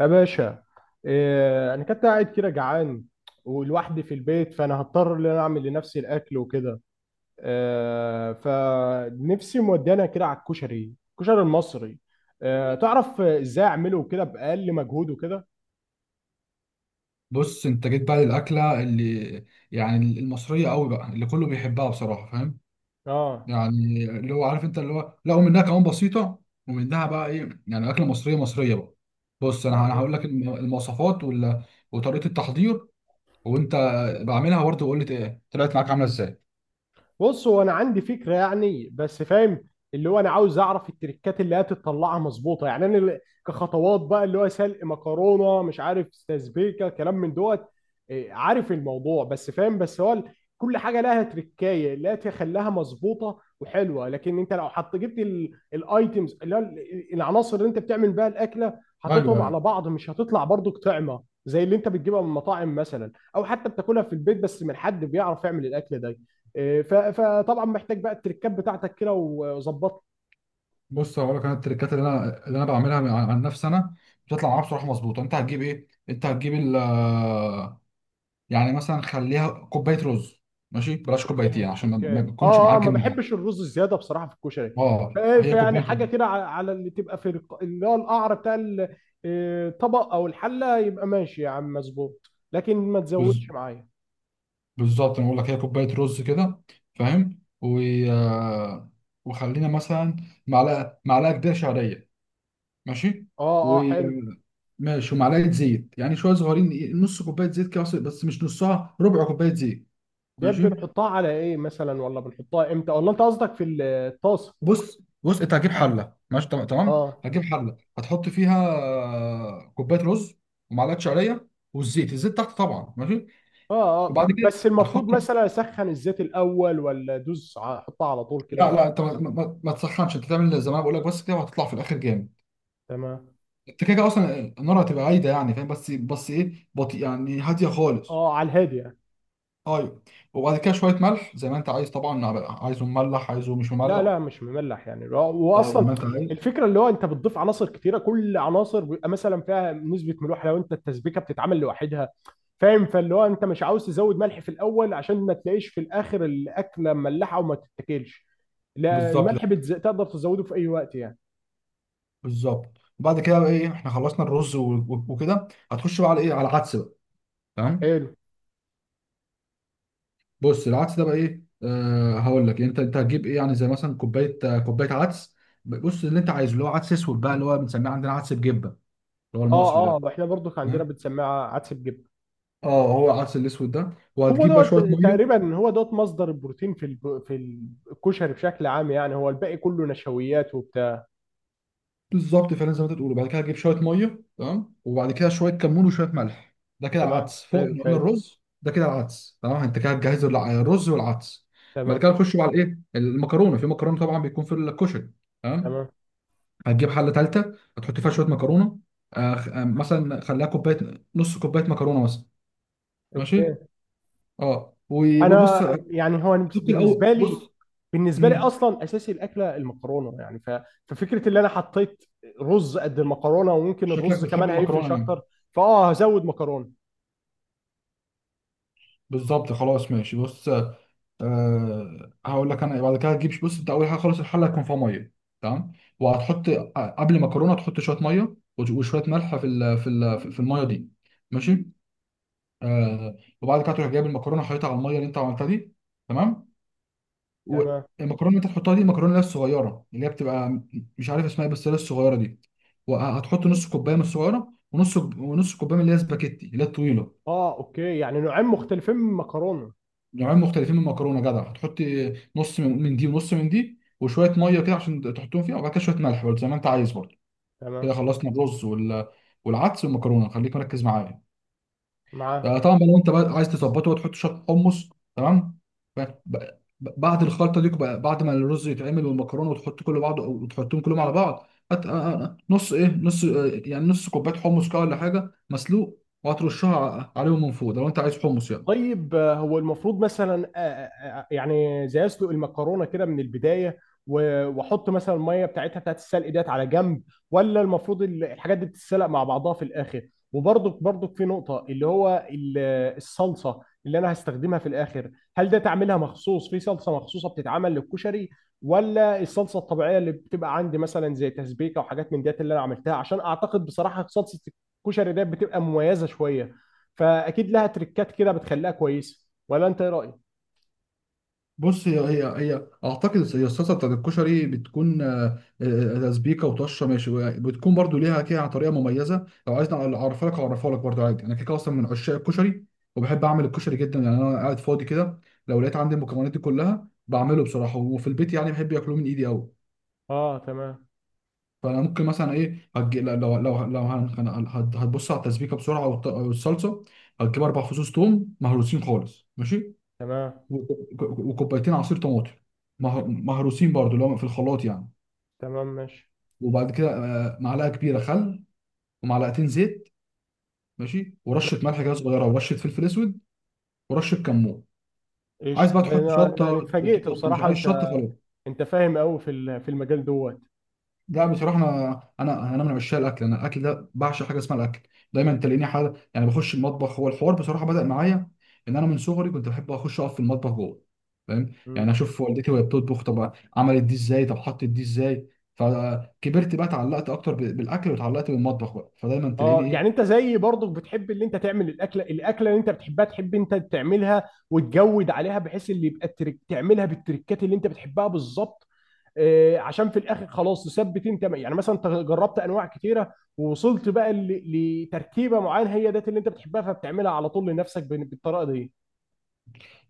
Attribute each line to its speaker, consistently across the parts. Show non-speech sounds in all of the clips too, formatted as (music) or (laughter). Speaker 1: يا باشا، انا كنت قاعد كده جعان ولوحدي في البيت، فانا هضطر ان انا اعمل لنفسي الاكل وكده. فنفسي مودانا كده على الكشري، الكشري المصري. تعرف ازاي اعمله كده باقل مجهود وكده؟
Speaker 2: بص، انت جيت بقى للاكله اللي يعني المصريه قوي بقى، اللي كله بيحبها بصراحه، فاهم؟
Speaker 1: اه
Speaker 2: يعني اللي هو عارف انت، اللي هو لا، ومنها كمان بسيطه، ومنها بقى ايه، يعني اكله مصريه مصريه بقى. بص، انا
Speaker 1: اه
Speaker 2: هقول لك المواصفات ولا وطريقه التحضير، وانت بعملها برضه وقول لي ايه طلعت معاك عامله ازاي.
Speaker 1: بص، هو انا عندي فكره يعني، بس فاهم. اللي هو انا عاوز اعرف التريكات اللي هتطلعها مظبوطه يعني. كخطوات بقى، اللي هو سلق مكرونه، مش عارف، تسبيكه، كلام من دوت. إيه، عارف الموضوع بس فاهم، بس كل حاجه لها تريكايه اللي تخليها مظبوطه وحلوه، لكن انت لو حط جبت الايتمز العناصر اللي انت بتعمل بيها الاكله،
Speaker 2: ايوه،
Speaker 1: حطيتهم
Speaker 2: ايوه.
Speaker 1: على بعض مش هتطلع برضو طعمه زي اللي انت بتجيبها من المطاعم مثلا، او حتى بتاكلها في البيت بس من حد بيعرف يعمل الاكل ده. آه، فطبعا محتاج بقى التركات بتاعتك كده وظبطها.
Speaker 2: بص، هقول لك انا التريكات اللي انا بعملها عن نفسي، انا بتطلع معايا بصراحه مظبوطه. انت هتجيب يعني مثلا خليها كوبايه رز، ماشي؟ بلاش
Speaker 1: اوكي
Speaker 2: كوبايتين عشان ما
Speaker 1: اوكي
Speaker 2: ما بتكونش
Speaker 1: ما
Speaker 2: معجن من حاجه.
Speaker 1: بحبش الرز الزياده بصراحه في الكشري. ف-
Speaker 2: اه، هي
Speaker 1: فيعني
Speaker 2: كوبايه
Speaker 1: حاجه
Speaker 2: رز.
Speaker 1: كده على اللي تبقى اللي هو القعر آه، الطبق او الحله، يبقى ماشي يا عم، مظبوط، لكن ما
Speaker 2: بز-
Speaker 1: تزودش معايا.
Speaker 2: بالظبط، انا بقول لك هي كوبايه رز كده، فاهم. و... آه، وخلينا مثلا معلقه كبيره شعريه، ماشي و
Speaker 1: اه حلو.
Speaker 2: ماشي ومعلقه زيت، يعني شويه صغيرين، نص كوبايه زيت كده، بس مش نصها، ربع كوبايه زيت.
Speaker 1: ده
Speaker 2: ماشي،
Speaker 1: بنحطها على ايه مثلا، ولا بنحطها امتى، ولا انت قصدك في الطاسه؟
Speaker 2: بص انت هتجيب حله، ماشي؟ تمام،
Speaker 1: اه
Speaker 2: هتجيب حله هتحط فيها آه، كوبايه رز ومعلقه شعريه، والزيت، الزيت تحت طبعا، ماشي؟
Speaker 1: اه
Speaker 2: وبعد كده
Speaker 1: بس المفروض
Speaker 2: هتحط،
Speaker 1: مثلا اسخن الزيت الاول، ولا ادوس احطها على طول كده،
Speaker 2: لا
Speaker 1: ولا؟
Speaker 2: لا، انت ما تسخنش. انت تعمل زي ما انا بقول لك بس كده، وهتطلع في الاخر جامد.
Speaker 1: تمام.
Speaker 2: انت كده كده اصلا النار هتبقى عايده، يعني فاهم؟ بس ايه، بطيء يعني، هاديه خالص.
Speaker 1: اه، على الهادي يعني.
Speaker 2: ايوه. وبعد كده شويه ملح زي ما انت عايز طبعا، عايزه مملح، عايزه مش
Speaker 1: لا
Speaker 2: مملح.
Speaker 1: لا، مش مملح يعني،
Speaker 2: اه، زي
Speaker 1: واصلا
Speaker 2: ما انت عايز.
Speaker 1: الفكره اللي هو انت بتضيف عناصر كتيره، كل عناصر بيبقى مثلا فيها نسبه ملوحه لو انت التسبيكه بتتعمل لوحدها، فاهم؟ فاللي هو انت مش عاوز تزود ملح في الاول عشان ما تلاقيش في الاخر الاكله مملحه وما تتاكلش. لا
Speaker 2: بالظبط،
Speaker 1: الملح بتز... تقدر تزوده في اي وقت يعني.
Speaker 2: بالظبط. وبعد كده بقى ايه، احنا خلصنا الرز وكده هتخش بقى على ايه، على العدس بقى. تمام.
Speaker 1: حلو.
Speaker 2: بص، العدس ده بقى ايه، آه هقول لك. انت هتجيب ايه، يعني زي مثلا كوبايه عدس. بص، اللي انت عايزه اللي هو عدس اسود بقى، اللي هو بنسميه عندنا عدس بجبه، اللي هو المصري ده.
Speaker 1: اه احنا برضو كان عندنا
Speaker 2: تمام،
Speaker 1: بنسميها عدس بجبن.
Speaker 2: اه، هو العدس الاسود ده،
Speaker 1: هو
Speaker 2: وهتجيب بقى
Speaker 1: دوت
Speaker 2: شويه ميه.
Speaker 1: تقريبا، هو دوت مصدر البروتين في في الكشري بشكل عام يعني. هو الباقي كله نشويات وبتاع.
Speaker 2: بالظبط، فعلا زي ما انت بتقول. وبعد كده هتجيب شويه ميه، تمام، وبعد كده شويه كمون وشويه ملح. ده كده
Speaker 1: تمام،
Speaker 2: العدس فوق،
Speaker 1: حلو
Speaker 2: احنا قلنا
Speaker 1: حلو.
Speaker 2: الرز، ده كده العدس، تمام. انت كده هتجهز الرز والعدس. بعد
Speaker 1: تمام.
Speaker 2: كده نخش على الايه، المكرونه، في مكرونه طبعا بيكون في الكشري، تمام.
Speaker 1: تمام.
Speaker 2: هتجيب حله ثالثه هتحط فيها شويه مكرونه، مثلا خليها كوبايه، نص كوبايه مكرونه مثلا. ماشي،
Speaker 1: اوكي.
Speaker 2: اه
Speaker 1: انا
Speaker 2: وبص حط
Speaker 1: يعني هو بالنسبه
Speaker 2: الاول،
Speaker 1: لي،
Speaker 2: بص،
Speaker 1: بالنسبه لي
Speaker 2: امم
Speaker 1: اصلا اساسي الاكله المكرونه يعني. ففكره اللي انا حطيت رز قد المكرونه، وممكن
Speaker 2: شكلك
Speaker 1: الرز
Speaker 2: بتحب
Speaker 1: كمان هيفرش
Speaker 2: المكرونه يعني.
Speaker 1: اكتر. فاه، هزود مكرونه.
Speaker 2: بالظبط، خلاص ماشي. بص، هقول لك انا، بعد كده هتجيب، بص انت اول حاجه خالص الحله هيكون فيها ميه، تمام. وهتحط آه، قبل مكرونه تحط شويه ميه وشويه ملح في الميه دي، ماشي. أه، وبعد كده تروح جايب المكرونه، حاططها على الميه اللي انت عملتها دي، تمام.
Speaker 1: تمام.
Speaker 2: والمكرونه اللي انت هتحطها دي، المكرونه اللي هي الصغيره، اللي هي بتبقى مش عارف اسمها بس اللي هي الصغيره دي. وهتحط نص كوبايه من الصغيره، ونص كوبايه من اللي هي سباكيتي، اللي هي الطويله.
Speaker 1: اه اوكي، يعني نوعين مختلفين من المكرونه.
Speaker 2: نوعين مختلفين من المكرونه، جدع. هتحطي نص من دي ونص من دي، وشويه ميه كده عشان تحطهم فيها، وبعد كده شويه ملح برضه زي ما انت عايز برضه. كده
Speaker 1: تمام.
Speaker 2: خلصنا الرز والعدس والمكرونه، خليك مركز معايا. آه،
Speaker 1: معاك.
Speaker 2: طبعا بقى لو انت بقى عايز تظبطه وتحط شويه حمص، تمام. ب- ب- بعد الخلطه دي بعد ما الرز يتعمل والمكرونه وتحط كله بعض وتحطهم كلهم على بعض، هت... آه، آه، آه، نص ايه نص آه، يعني نص كوبايه حمص كده ولا حاجه، مسلوق، وهترشها عليهم من فوق، ده لو انت عايز حمص يعني.
Speaker 1: طيب آه، هو المفروض مثلا يعني زي اسلق المكرونه كده من البدايه، واحط مثلا الميه بتاعتها، بتاعت السلق ديت على جنب؟ ولا المفروض الحاجات دي بتتسلق مع بعضها في الاخر؟ وبرضك، برضك في نقطه اللي هو الصلصه اللي انا هستخدمها في الاخر. هل ده تعملها مخصوص في صلصه مخصوصه بتتعمل للكشري، ولا الصلصه الطبيعيه اللي بتبقى عندي مثلا زي تسبيكه وحاجات من ديت اللي انا عملتها؟ عشان اعتقد بصراحه صلصه الكشري ديت بتبقى مميزه شويه، فاكيد لها تريكات كده بتخليها كويسه، ولا انت ايه رايك؟
Speaker 2: بص، هي هي هي اعتقد هي الصلصه بتاعت الكشري بتكون، تسبيكه وطشه، ماشي. بتكون برضو ليها كده طريقه مميزه، لو عايزني اعرفها لك اعرفها لك برضو عادي. انا كده كده اصلا من عشاق الكشري، وبحب اعمل الكشري جدا. يعني انا قاعد فاضي كده، لو لقيت عندي المكونات دي كلها بعمله بصراحه، وفي البيت يعني بحب ياكلوه من ايدي قوي.
Speaker 1: اه تمام.
Speaker 2: فانا ممكن مثلا لو هتبص على التسبيكه بسرعه والصلصه. هتجيب اربع فصوص توم مهروسين خالص، ماشي،
Speaker 1: تمام.
Speaker 2: وكوبايتين عصير طماطم مهروسين برضو، اللي هو في الخلاط يعني.
Speaker 1: تمام. ماشي.
Speaker 2: وبعد كده آه، معلقه كبيره خل، ومعلقتين زيت، ماشي، ورشه
Speaker 1: ماشي.
Speaker 2: ملح كده صغيره، ورشه فلفل اسود، ورشه كمون. عايز
Speaker 1: ايش،
Speaker 2: بقى
Speaker 1: طب
Speaker 2: تحط
Speaker 1: انا،
Speaker 2: شطه،
Speaker 1: اتفاجئت
Speaker 2: تحط، مش
Speaker 1: بصراحه.
Speaker 2: عايز شطه
Speaker 1: انت،
Speaker 2: خلاص.
Speaker 1: انت فاهم قوي في المجال دوت.
Speaker 2: لا، بصراحة أنا من عشاق الأكل، أنا الأكل ده بعشق، حاجة اسمها الأكل. دايما تلاقيني حاجة، يعني بخش المطبخ، هو الحوار بصراحة بدأ معايا إن أنا من صغري كنت بحب أخش أقف في المطبخ جوه، فاهم؟
Speaker 1: مم.
Speaker 2: يعني أشوف والدتي وهي بتطبخ، طب عملت دي إزاي؟ طب حطت دي إزاي؟ فكبرت بقى، اتعلقت أكتر بالأكل، واتعلقت بالمطبخ بقى، فدايما تلاقيني
Speaker 1: اه، يعني
Speaker 2: إيه.
Speaker 1: انت زيي برضك، بتحب اللي انت تعمل الاكله، الاكله اللي انت بتحبها تحب انت تعملها وتجود عليها، بحيث اللي يبقى الترك تعملها بالتركات اللي انت بتحبها بالظبط. آه، عشان في الاخر خلاص تثبت انت يعني، مثلا انت جربت انواع كتيره ووصلت بقى لتركيبه معينه هي ديت اللي انت بتحبها، فبتعملها على طول لنفسك بالطريقه دي.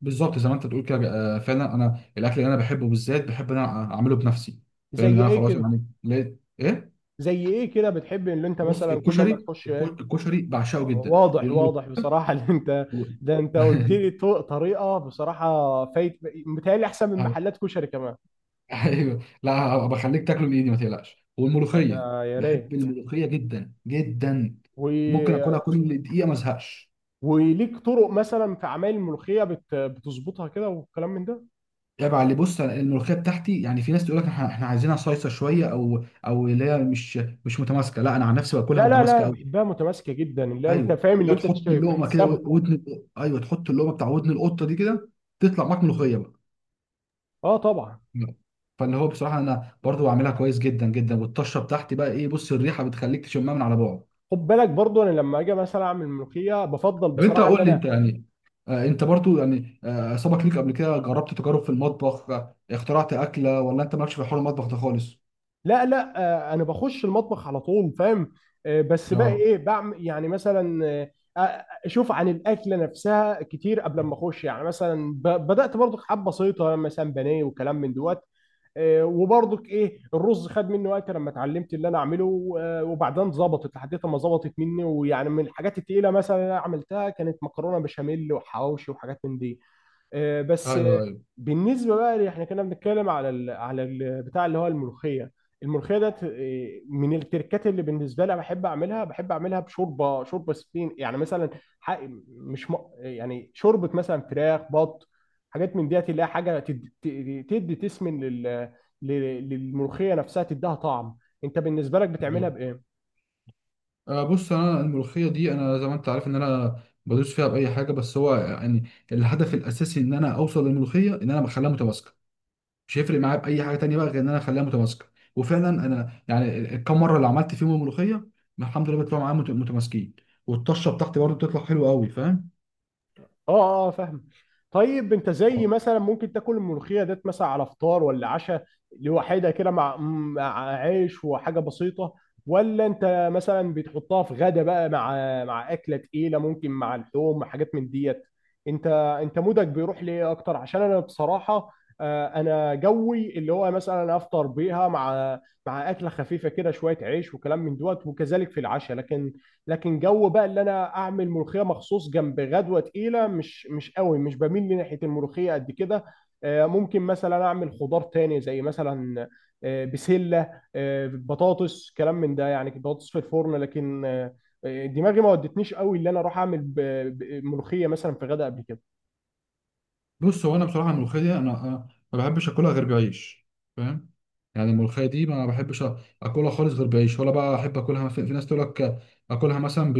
Speaker 2: بالظبط، زي ما أنت تقول كده. آه، فعلا أنا الأكل اللي أنا بحبه بالذات بحب إن أنا أعمله بنفسي، فاهم؟ إن
Speaker 1: زي
Speaker 2: أنا
Speaker 1: ايه
Speaker 2: خلاص
Speaker 1: كده؟
Speaker 2: يعني لقيت إيه؟
Speaker 1: زي ايه كده بتحب ان انت
Speaker 2: بص،
Speaker 1: مثلا كل ما
Speaker 2: الكشري،
Speaker 1: تخش ايه؟
Speaker 2: الكشري بعشقه جدا.
Speaker 1: واضح، واضح بصراحه اللي انت،
Speaker 2: و- (laughs)
Speaker 1: ده انت قلت لي طريقه بصراحه فايت. متهيألي احسن من محلات كشري كمان.
Speaker 2: ايوه، لا بخليك تاكله بايدي، ما تقلقش.
Speaker 1: آه،
Speaker 2: والملوخيه،
Speaker 1: ده يا
Speaker 2: بحب
Speaker 1: ريت.
Speaker 2: الملوخيه جدا جدا،
Speaker 1: و...
Speaker 2: ممكن اكلها كل دقيقه ما ازهقش.
Speaker 1: وليك طرق مثلا في اعمال الملوخيه بتظبطها كده والكلام من ده؟
Speaker 2: عيب على اللي، بص، أنا الملوخيه بتاعتي، يعني في ناس تقول لك احنا عايزينها صايصه شويه، او اللي هي مش متماسكه. لا، انا عن نفسي باكلها
Speaker 1: لا لا
Speaker 2: متماسكه
Speaker 1: لا،
Speaker 2: قوي.
Speaker 1: بحبها متماسكه جدا، اللي انت
Speaker 2: ايوه،
Speaker 1: فاهم
Speaker 2: اللي
Speaker 1: اللي
Speaker 2: هي
Speaker 1: انت
Speaker 2: تحط
Speaker 1: بتشتري
Speaker 2: اللقمه كده،
Speaker 1: بتحسها بطموح.
Speaker 2: ودن. ايوه، تحط اللقمه بتاع ودن القطه دي كده، تطلع معاك ملوخيه بقى.
Speaker 1: اه طبعا.
Speaker 2: فاللي هو بصراحه انا برضو بعملها كويس جدا جدا، والطشه بتاعتي بقى ايه، بص، الريحه بتخليك تشمها من على بعد.
Speaker 1: خد بالك برضو، انا لما اجي مثلا اعمل ملوخيه بفضل
Speaker 2: طب انت
Speaker 1: بصراحه ان
Speaker 2: قول لي،
Speaker 1: انا،
Speaker 2: انت يعني آه، انت برضو يعني آه، سبق ليك قبل كده جربت تجارب في المطبخ، آه، اخترعت اكله، ولا انت مالكش في حوار المطبخ ده خالص؟
Speaker 1: لا لا، آه انا بخش المطبخ على طول فاهم. آه بس بقى
Speaker 2: اه،
Speaker 1: ايه، بعمل يعني مثلا آه، آه، اشوف عن الاكله نفسها كتير قبل ما اخش يعني، مثلا بدات برضو حبه بسيطه مثلا بانيه وكلام من دوت. آه، وبرضك ايه، الرز خد مني وقت لما اتعلمت اللي انا اعمله. آه، وبعدين ظبطت لحد ما ظبطت مني. ويعني من الحاجات التقيله مثلا اللي انا عملتها كانت مكرونه بشاميل وحواوشي وحاجات من دي. آه، بس آه،
Speaker 2: ايوه ايوه،
Speaker 1: بالنسبه بقى اللي احنا كنا بنتكلم على ال بتاع اللي هو الملوخيه، الملوخيه ده من التركات اللي بالنسبه لي بحب اعملها. بحب اعملها بشوربه، شوربه سبين يعني مثلا، ح- مش م... يعني شوربه مثلا فراخ، بط، حاجات من ديت اللي هي حاجه تدي تسمن للملوخيه نفسها، تديها طعم. انت بالنسبه لك بتعملها
Speaker 2: بالظبط.
Speaker 1: بايه؟
Speaker 2: آه، بص انا الملوخيه دي، انا زي ما انت عارف ان انا بدوس فيها باي حاجه، بس هو يعني الهدف الاساسي ان انا اوصل للملوخيه ان انا بخليها متماسكه. مش هيفرق معايا باي حاجه تانيه بقى غير ان انا اخليها متماسكه. وفعلا انا يعني الكام مره اللي عملت فيهم الملوخيه، الحمد لله بيطلعوا معايا متماسكين، والطشه بتاعتي برضو بتطلع حلوه قوي، فاهم؟
Speaker 1: اه اه فاهم. طيب انت زي
Speaker 2: آه.
Speaker 1: مثلا ممكن تاكل الملوخيه ديت مثلا على فطار ولا عشاء، لوحدها كده مع، مع عيش وحاجه بسيطه؟ ولا انت مثلا بتحطها في غدا بقى مع، مع اكله تقيله، ممكن مع اللحوم، مع حاجات من ديت؟ انت، انت مودك بيروح ليه اكتر؟ عشان انا بصراحه آه، انا جوي اللي هو مثلا افطر بيها مع، مع اكله خفيفه كده، شويه عيش وكلام من دوت، وكذلك في العشاء. لكن، لكن جو بقى اللي انا اعمل ملوخيه مخصوص جنب غدوه تقيله، مش، مش قوي مش بميل لناحيه الملوخيه قد كده. آه، ممكن مثلا اعمل خضار تاني زي مثلا آه، بسله، آه، بطاطس، كلام من ده، يعني بطاطس في الفرن. لكن آه، آه، دماغي ما ودتنيش قوي اللي انا اروح اعمل ملوخيه مثلا في غدا قبل كده.
Speaker 2: بص، هو انا بصراحه الملوخيه دي انا ما بحبش اكلها غير بعيش، فاهم؟ يعني الملوخيه دي ما بحبش اكلها خالص غير بعيش. ولا بقى احب اكلها، مثلا في ناس تقول لك اكلها مثلا ب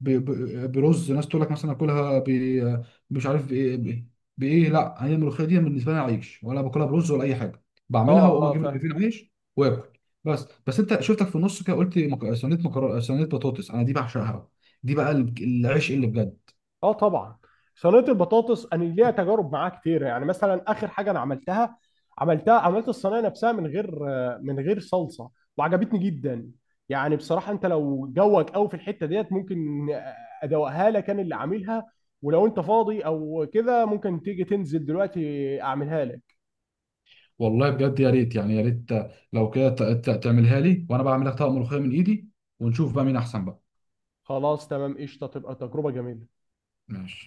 Speaker 2: ب- ب- برز، ناس تقول لك مثلا اكلها مش عارف بايه، بايه. لا، هي الملوخيه دي بالنسبه لي عيش، ولا باكلها برز ولا اي حاجه.
Speaker 1: اه
Speaker 2: بعملها واقوم اجيب
Speaker 1: اه
Speaker 2: رغيفين عيش واكل. بس انت شفتك في النص كده قلت صينيه مكرونه، صينيه بطاطس انا دي بعشقها. دي بقى العيش اللي بجد.
Speaker 1: اه طبعا. صينيه البطاطس انا ليها تجارب معاها كتير. يعني مثلا اخر حاجه انا عملتها، عملتها، عملت الصينيه نفسها من غير، من غير صلصه، وعجبتني جدا. يعني بصراحه انت لو جوك قوي في الحته ديت ممكن ادوقها لك انا اللي عاملها. ولو انت فاضي او كده، ممكن تيجي تنزل دلوقتي اعملها لك.
Speaker 2: والله بجد يا ريت، يعني يا ريت لو كده تعملها لي، وانا بعملها طبق ملوخيه من ايدي، ونشوف بقى مين احسن بقى.
Speaker 1: خلاص تمام، قشطه، تبقى تجربه جميله.
Speaker 2: ماشي.